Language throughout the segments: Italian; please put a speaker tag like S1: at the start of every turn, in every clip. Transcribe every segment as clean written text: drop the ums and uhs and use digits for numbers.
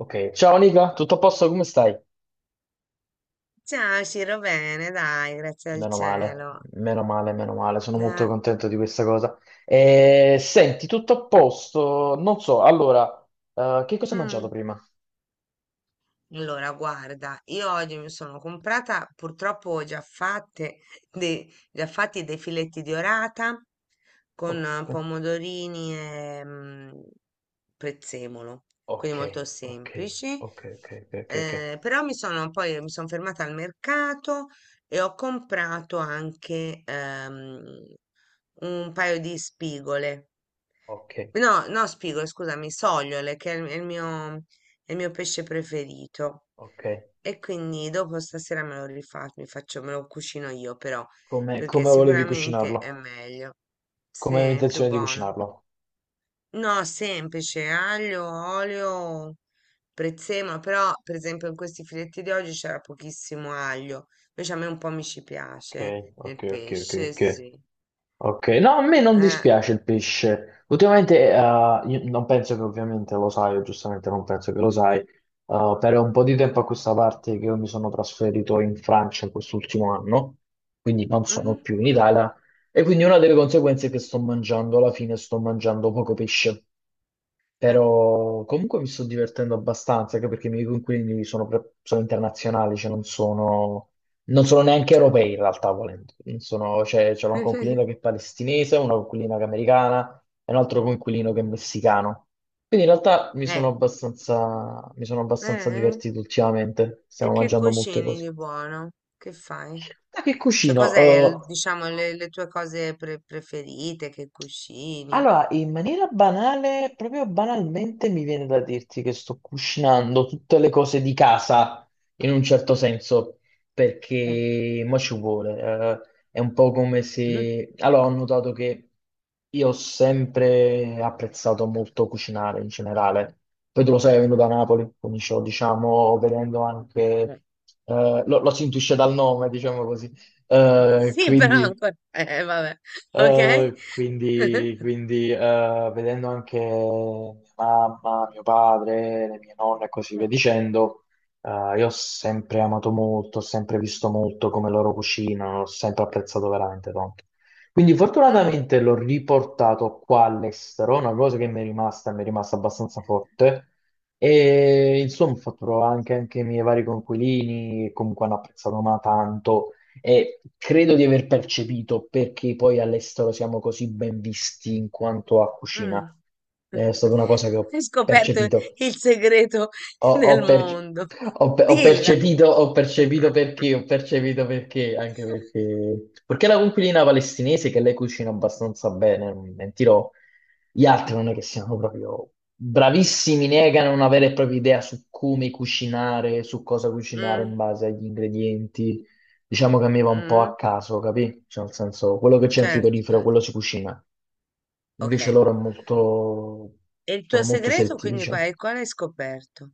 S1: Ok, ciao Nica, tutto a posto? Come stai?
S2: Ciao Ciro, bene, dai, grazie al
S1: Meno male,
S2: cielo.
S1: meno male, meno male, sono molto
S2: Eh.
S1: contento di questa cosa. Senti, tutto a posto? Non so, allora, che cosa hai mangiato
S2: Mm.
S1: prima?
S2: Allora, guarda, io oggi mi sono comprata, purtroppo ho già fatte già fatti dei filetti di orata con
S1: Oh, ok,
S2: pomodorini e prezzemolo,
S1: ok,
S2: quindi molto
S1: ok,
S2: semplici.
S1: ok, ok, ok, ok,
S2: Però mi sono poi mi sono fermata al mercato e ho comprato anche un paio di spigole.
S1: ok,
S2: No, no, spigolo, scusami, sogliole, che è il mio pesce preferito.
S1: ok.
S2: E quindi dopo stasera me lo rifaccio, mi faccio, me lo cucino io, però,
S1: Come,
S2: perché
S1: come volevi
S2: sicuramente è
S1: cucinarlo?
S2: meglio. Sì,
S1: Come avevi
S2: è più
S1: intenzione di
S2: buono.
S1: cucinarlo?
S2: No, semplice, aglio, olio, prezzemolo, però per esempio in questi filetti di oggi c'era pochissimo aglio, invece a me un po' mi ci
S1: Ok,
S2: piace
S1: ok,
S2: nel
S1: ok, ok,
S2: pesce,
S1: ok.
S2: sì.
S1: Ok, no, a me non
S2: Eh.
S1: dispiace il pesce. Ultimamente, io non penso che ovviamente lo sai, o giustamente non penso che lo sai, per un po' di tempo a questa parte che io mi sono trasferito in Francia quest'ultimo anno, quindi non sono
S2: Mhm.
S1: più in Italia, e quindi una delle conseguenze è che sto mangiando, alla fine sto mangiando poco pesce.
S2: Eh.
S1: Però comunque mi sto divertendo abbastanza, anche perché i miei coinquilini sono internazionali, cioè non sono neanche
S2: Certo.
S1: europei in realtà, volendo. Non sono, cioè, c'è una coinquilina che è palestinese, una coinquilina che è americana e un altro coinquilino che è messicano. Quindi in realtà mi sono
S2: Eh.
S1: abbastanza, mi sono abbastanza
S2: Eh. Eh.
S1: divertito ultimamente,
S2: E
S1: stiamo
S2: che
S1: mangiando molte
S2: cucini
S1: cose.
S2: di buono? Che fai?
S1: Da che
S2: Cioè,
S1: cucino?
S2: cos'è, diciamo, le tue cose preferite? Che cucini?
S1: Allora, in maniera banale, proprio banalmente, mi viene da dirti che sto cucinando tutte le cose di casa, in un certo senso,
S2: Eh.
S1: perché mo ci vuole. È un po' come
S2: Mhm.
S1: se, allora, ho notato che io ho sempre apprezzato molto cucinare in generale. Poi tu lo sai, vengo da Napoli, come dicevo, diciamo, vedendo anche,
S2: Eh.
S1: lo si intuisce dal nome, diciamo così. Eh,
S2: Sì, però
S1: quindi
S2: ancora. Vabbè. Ok?
S1: eh, quindi, quindi, eh, vedendo anche mia mamma, mio padre, le mie nonne e così via
S2: Eh.
S1: dicendo, io ho sempre amato molto, ho sempre visto molto come loro cucinano, ho sempre apprezzato veramente tanto. Quindi
S2: Mhm.
S1: fortunatamente l'ho riportato qua all'estero, una cosa che mi è rimasta abbastanza forte. E insomma, ho fatto provare anche, anche i miei vari coinquilini, che comunque hanno apprezzato ma tanto, e credo di aver percepito perché poi all'estero siamo così ben visti in quanto a cucina.
S2: Mm.
S1: È stata una cosa che ho
S2: Hai scoperto
S1: percepito.
S2: il segreto
S1: Ho,
S2: del
S1: ho perce-
S2: mondo.
S1: ho pe- ho
S2: Dilla.
S1: percepito, ho percepito perché, ho percepito perché, anche perché, perché la coinquilina palestinese che lei cucina abbastanza bene, non mi mentirò, gli altri non è che siano proprio bravissimi, negano una vera e propria idea su come cucinare, su cosa cucinare
S2: Mm,
S1: in base agli ingredienti. Diciamo che a me va un po'
S2: mm,
S1: a caso, capì? Cioè, nel senso, quello che c'è in
S2: certo.
S1: frigorifero, quello si cucina.
S2: Ok.
S1: Invece loro è molto,
S2: E il tuo
S1: sono molto
S2: segreto,
S1: selettivi,
S2: quindi, qual
S1: diciamo.
S2: è? Qual hai scoperto?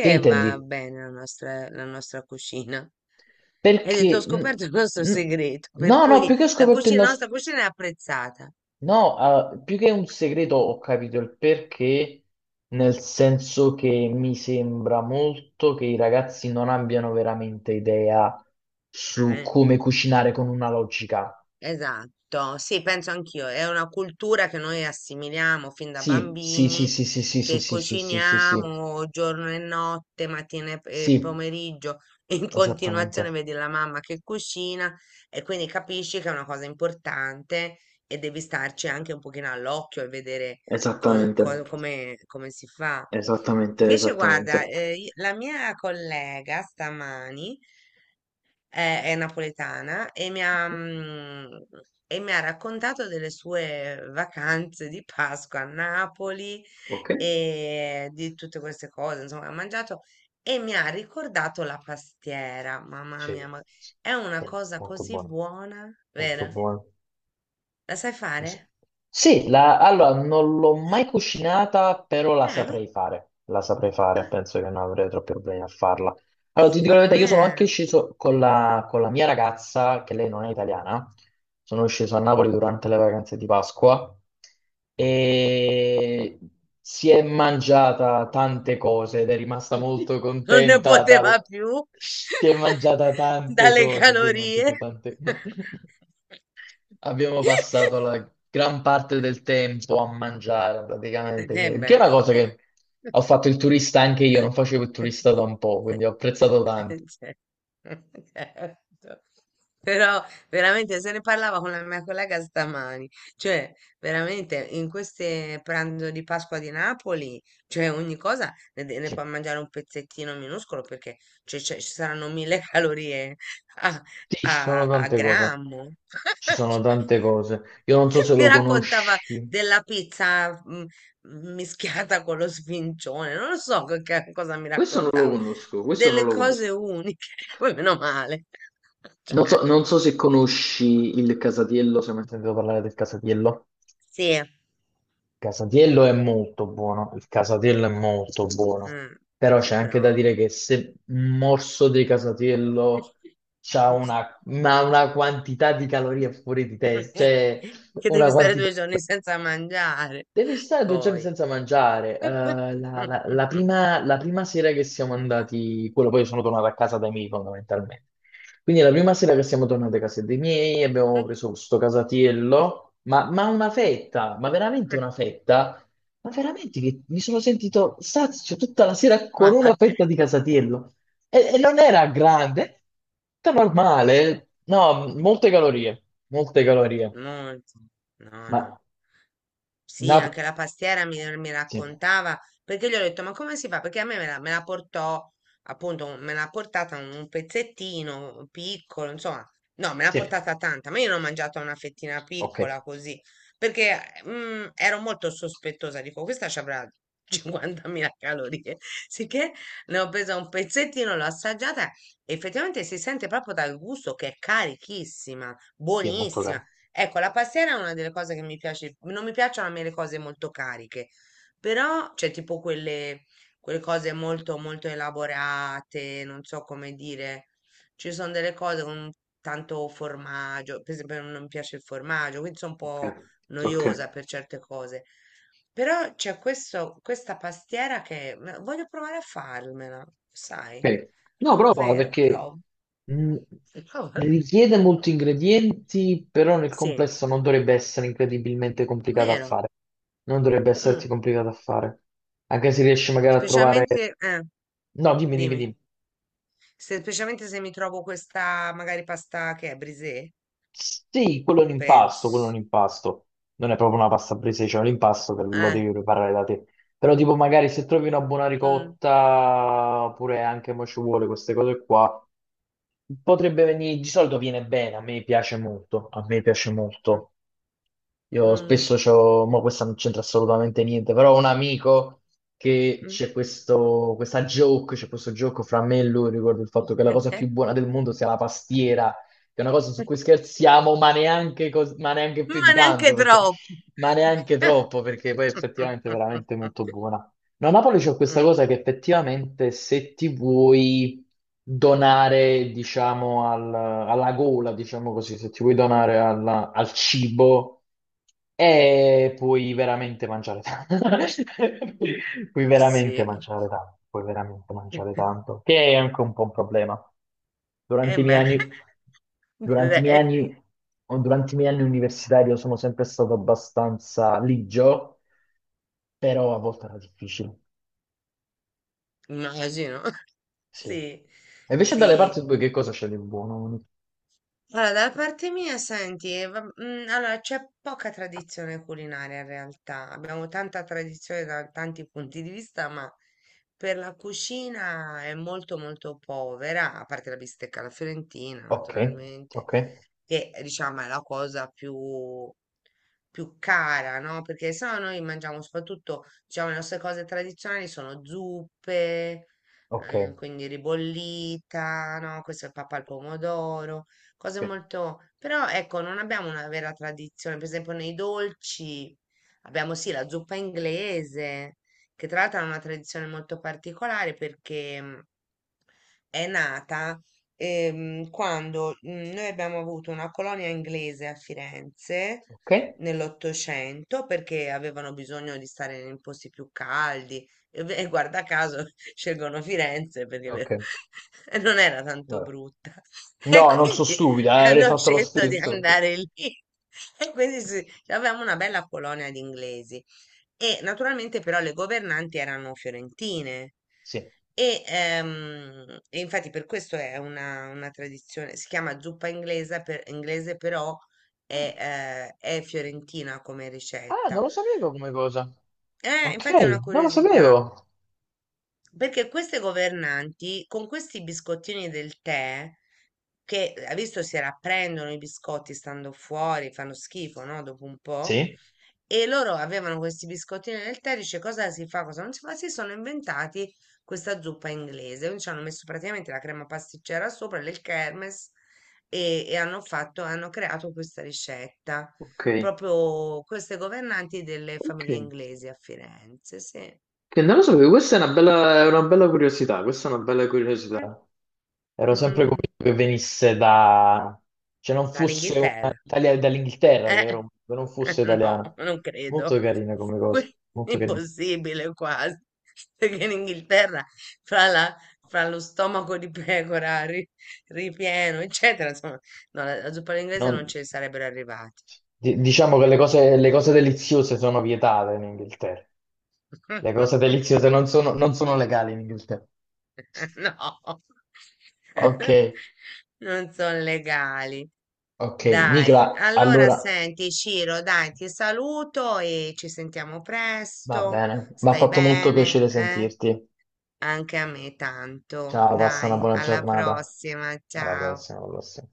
S1: Che intendi?
S2: va bene la nostra cucina? Hai detto: "Ho
S1: Perché?
S2: scoperto il nostro
S1: N-
S2: segreto", per
S1: No, no,
S2: cui
S1: più che ho
S2: la
S1: scoperto il
S2: cucina la
S1: nostro,
S2: nostra cucina è apprezzata.
S1: no, ah, più che un segreto ho capito il perché, nel senso che mi sembra molto che i ragazzi non abbiano veramente idea
S2: Ah.
S1: su
S2: Eh.
S1: come cucinare con una logica.
S2: Esatto, sì, penso anch'io. È una cultura che noi assimiliamo fin da
S1: Sì, sì, sì,
S2: bambini,
S1: sì, sì, sì, sì,
S2: che
S1: sì, sì, sì, sì, sì,
S2: cuciniamo giorno e notte, mattina e
S1: sì,
S2: pomeriggio, in continuazione
S1: esattamente.
S2: vedi la mamma che cucina e quindi capisci che è una cosa importante e devi starci anche un pochino all'occhio e vedere co-
S1: Esattamente,
S2: co- come, come si fa.
S1: esattamente,
S2: Invece,
S1: esattamente.
S2: guarda, la mia collega stamani è napoletana e e mi ha raccontato delle sue vacanze di Pasqua a Napoli
S1: Ok.
S2: e di tutte queste cose, insomma, ha mangiato e mi ha ricordato la pastiera. Mamma
S1: Sì,
S2: mia, ma
S1: sì,
S2: è una cosa
S1: molto
S2: così
S1: buono,
S2: buona,
S1: molto
S2: vero?
S1: buono.
S2: La sai fare?
S1: S- Sì, allora non l'ho mai cucinata, però la
S2: No?
S1: saprei fare. La saprei fare, penso che non avrei troppi problemi a farla. Allora, ti dico la
S2: Secondo
S1: verità, io sono anche
S2: me.
S1: sceso con la mia ragazza, che lei non è italiana. Sono sceso a Napoli durante le vacanze di Pasqua e si è mangiata tante cose ed è rimasta molto
S2: Non ne
S1: contenta dal,
S2: poteva più
S1: si è mangiata tante
S2: dalle
S1: cose, si è
S2: calorie.
S1: mangiata tante. Abbiamo passato la gran parte del tempo a mangiare
S2: Eh
S1: praticamente, che è
S2: beh.
S1: una cosa che ho fatto il turista anche io, non facevo il turista da un po', quindi
S2: Cioè.
S1: ho apprezzato tanto.
S2: Certo. Però veramente se ne parlava con la mia collega stamani, cioè veramente in queste pranzo di Pasqua di Napoli, cioè ogni cosa ne
S1: Sì,
S2: puoi mangiare un pezzettino minuscolo perché cioè, ci saranno mille calorie a,
S1: sì, ci sono
S2: a
S1: tante cose,
S2: grammo.
S1: ci sono tante cose. Io non so se
S2: Mi
S1: lo
S2: raccontava
S1: conosci.
S2: della pizza mischiata con lo sfincione, non lo so che cosa mi
S1: Questo non lo
S2: raccontava,
S1: conosco, questo non
S2: delle
S1: lo
S2: cose
S1: conosco.
S2: uniche, poi meno male. Cioè,
S1: Non so se conosci il Casatiello, se mai sentito parlare del Casatiello.
S2: sì,
S1: Casatiello è molto buono, il Casatiello è molto buono,
S2: mm,
S1: però c'è anche da
S2: però...
S1: dire che se un morso di Casatiello ha una, ma una quantità di calorie fuori di testa, cioè
S2: che
S1: una
S2: devi stare
S1: quantità.
S2: due giorni senza mangiare,
S1: Devi stare due giorni
S2: poi.
S1: senza mangiare. La prima sera che siamo andati, quello poi sono tornato a casa dai miei fondamentalmente. Quindi la prima sera che siamo tornati a casa dei miei abbiamo preso questo casatiello, ma una fetta, ma veramente una fetta, ma veramente che mi sono sentito sazio tutta la sera con
S2: Ma,
S1: una
S2: eh,
S1: fetta di casatiello. E non era grande, era normale, no, molte calorie, molte calorie.
S2: molto, no,
S1: Ma
S2: no. Sì,
S1: Napoli.
S2: anche la pastiera mi
S1: Sì,
S2: raccontava, perché gli ho detto, ma come si fa? Perché a me la portò, appunto, me l'ha portata un pezzettino piccolo, insomma, no, me l'ha
S1: sì.
S2: portata tanta, ma io ne ho mangiata una fettina
S1: Ok,
S2: piccola così, perché ero molto sospettosa, dico, questa ci avrà 50.000 calorie, sicché ne ho presa un pezzettino, l'ho assaggiata, e effettivamente si sente proprio dal gusto che è carichissima,
S1: sì, è molto caro.
S2: buonissima. Ecco, la pastiera è una delle cose che mi piace, non mi piacciono a me le cose molto cariche, però c'è tipo quelle cose molto molto elaborate, non so come dire, ci sono delle cose con tanto formaggio, per esempio non mi piace il formaggio, quindi sono un
S1: Ok,
S2: po'
S1: ok.
S2: noiosa per certe cose, però c'è questo, questa pastiera che ma voglio provare a farmela, sai,
S1: Ok.
S2: è
S1: No, prova
S2: vero,
S1: perché
S2: provo.
S1: mh, richiede molti ingredienti, però nel
S2: Sì,
S1: complesso non dovrebbe essere incredibilmente complicato a
S2: vero.
S1: fare. Non dovrebbe
S2: Mm.
S1: esserti complicato a fare. Anche se riesci magari a trovare.
S2: Specialmente,
S1: No, dimmi, dimmi,
S2: dimmi,
S1: dimmi.
S2: se, specialmente se mi trovo questa magari pasta che è brisée,
S1: Sì, quello è un impasto, quello è un
S2: penso.
S1: impasto. Non è proprio una pasta presa, cioè un impasto che lo
S2: Eh.
S1: devi preparare da te. Però tipo magari se trovi una buona
S2: Mm.
S1: ricotta, oppure anche mo ci vuole queste cose qua. Potrebbe venire, di solito viene bene, a me piace molto, a me piace molto. Io
S2: Mm.
S1: spesso c'ho, ma questa non c'entra assolutamente niente, però ho un amico che
S2: Mm.
S1: c'è questo, questa joke, c'è questo gioco fra me e lui riguardo il fatto che la cosa più buona del mondo sia la pastiera, che è una cosa su cui scherziamo, ma neanche, ma neanche più di
S2: Ma
S1: tanto,
S2: neanche
S1: perché,
S2: troppo.
S1: ma neanche troppo, perché poi effettivamente è veramente molto buona. No, a Napoli c'è questa
S2: Mm.
S1: cosa che effettivamente se ti vuoi donare, diciamo, al, alla gola, diciamo così, se ti vuoi donare alla, al cibo, puoi veramente mangiare tanto. Puoi puoi veramente
S2: Sì.
S1: mangiare tanto, puoi veramente mangiare tanto, che è anche un po' un problema.
S2: Eh
S1: Durante i miei
S2: beh,
S1: anni, durante i miei
S2: direi.
S1: anni, durante i miei anni universitari io sono sempre stato abbastanza ligio, però a volte era difficile.
S2: Immagino.
S1: Sì.
S2: Sì,
S1: E invece dalle parti
S2: sì.
S1: tue che cosa c'è di buono?
S2: Allora, da parte mia, senti, allora, c'è poca tradizione culinaria in realtà. Abbiamo tanta tradizione da tanti punti di vista, ma per la cucina è molto molto povera, a parte la bistecca alla fiorentina,
S1: Ok,
S2: naturalmente,
S1: ok,
S2: che diciamo è la cosa più cara, no? Perché se no noi mangiamo soprattutto, diciamo, le nostre cose tradizionali sono zuppe,
S1: ok,
S2: quindi ribollita, no? Questo è il pappa al pomodoro, cose
S1: ok,
S2: molto... Però ecco, non abbiamo una vera tradizione, per esempio nei dolci abbiamo sì la zuppa inglese, che tra l'altro ha una tradizione molto particolare perché è nata, quando noi abbiamo avuto una colonia inglese a Firenze
S1: ok,
S2: nell'Ottocento perché avevano bisogno di stare in posti più caldi e, e guarda caso scelgono Firenze perché
S1: ok.
S2: non era tanto
S1: Vabbè.
S2: brutta e
S1: No, non sono
S2: quindi
S1: stupida, avrei
S2: hanno
S1: fatto lo
S2: scelto di
S1: stesso.
S2: andare lì e quindi sì, avevamo una bella colonia di inglesi e naturalmente però le governanti erano fiorentine
S1: Sì.
S2: e infatti per questo è una tradizione, si chiama zuppa inglese, inglese però
S1: Ah,
S2: è fiorentina come
S1: non
S2: ricetta.
S1: lo sapevo come cosa. Ok,
S2: Infatti è una
S1: non lo
S2: curiosità,
S1: sapevo.
S2: perché queste governanti con questi biscottini del tè, che ha visto si rapprendono i biscotti stando fuori, fanno schifo, no? Dopo un po',
S1: Sì.
S2: e loro avevano questi biscottini nel tè, dice cosa si fa, cosa non si fa, si sono inventati questa zuppa inglese, quindi ci hanno messo praticamente la crema pasticcera sopra, del kermes e hanno fatto, hanno creato questa ricetta,
S1: Ok.
S2: proprio queste governanti delle
S1: Ok.
S2: famiglie inglesi a Firenze, sì. Eh.
S1: Che non lo sapevo, questa è una bella curiosità, questa è una bella curiosità. Ero sempre convinto che venisse da, cioè non fosse una,
S2: Dall'Inghilterra.
S1: Italia dall'Inghilterra, che,
S2: Eh,
S1: che non fosse
S2: no,
S1: italiana.
S2: non credo.
S1: Molto carina come cosa,
S2: Que-
S1: molto carina.
S2: Impossibile quasi, perché in Inghilterra fra, la- fra lo stomaco di pecora ripieno, eccetera, insomma, no, la zuppa all'inglese
S1: Non-
S2: non ci sarebbero arrivati.
S1: diciamo che le cose deliziose sono vietate in Inghilterra. Le cose deliziose non sono legali in Inghilterra.
S2: No,
S1: Ok,
S2: non sono legali.
S1: ok.
S2: Dai,
S1: Nicola,
S2: allora
S1: allora
S2: senti, Ciro, dai, ti saluto e ci sentiamo
S1: va
S2: presto.
S1: bene. Mi ha
S2: Stai
S1: fatto molto
S2: bene,
S1: piacere
S2: eh?
S1: sentirti.
S2: Anche a me tanto.
S1: Ciao, passa una
S2: Dai,
S1: buona
S2: alla
S1: giornata.
S2: prossima,
S1: Alla
S2: ciao.
S1: prossima, alla prossima.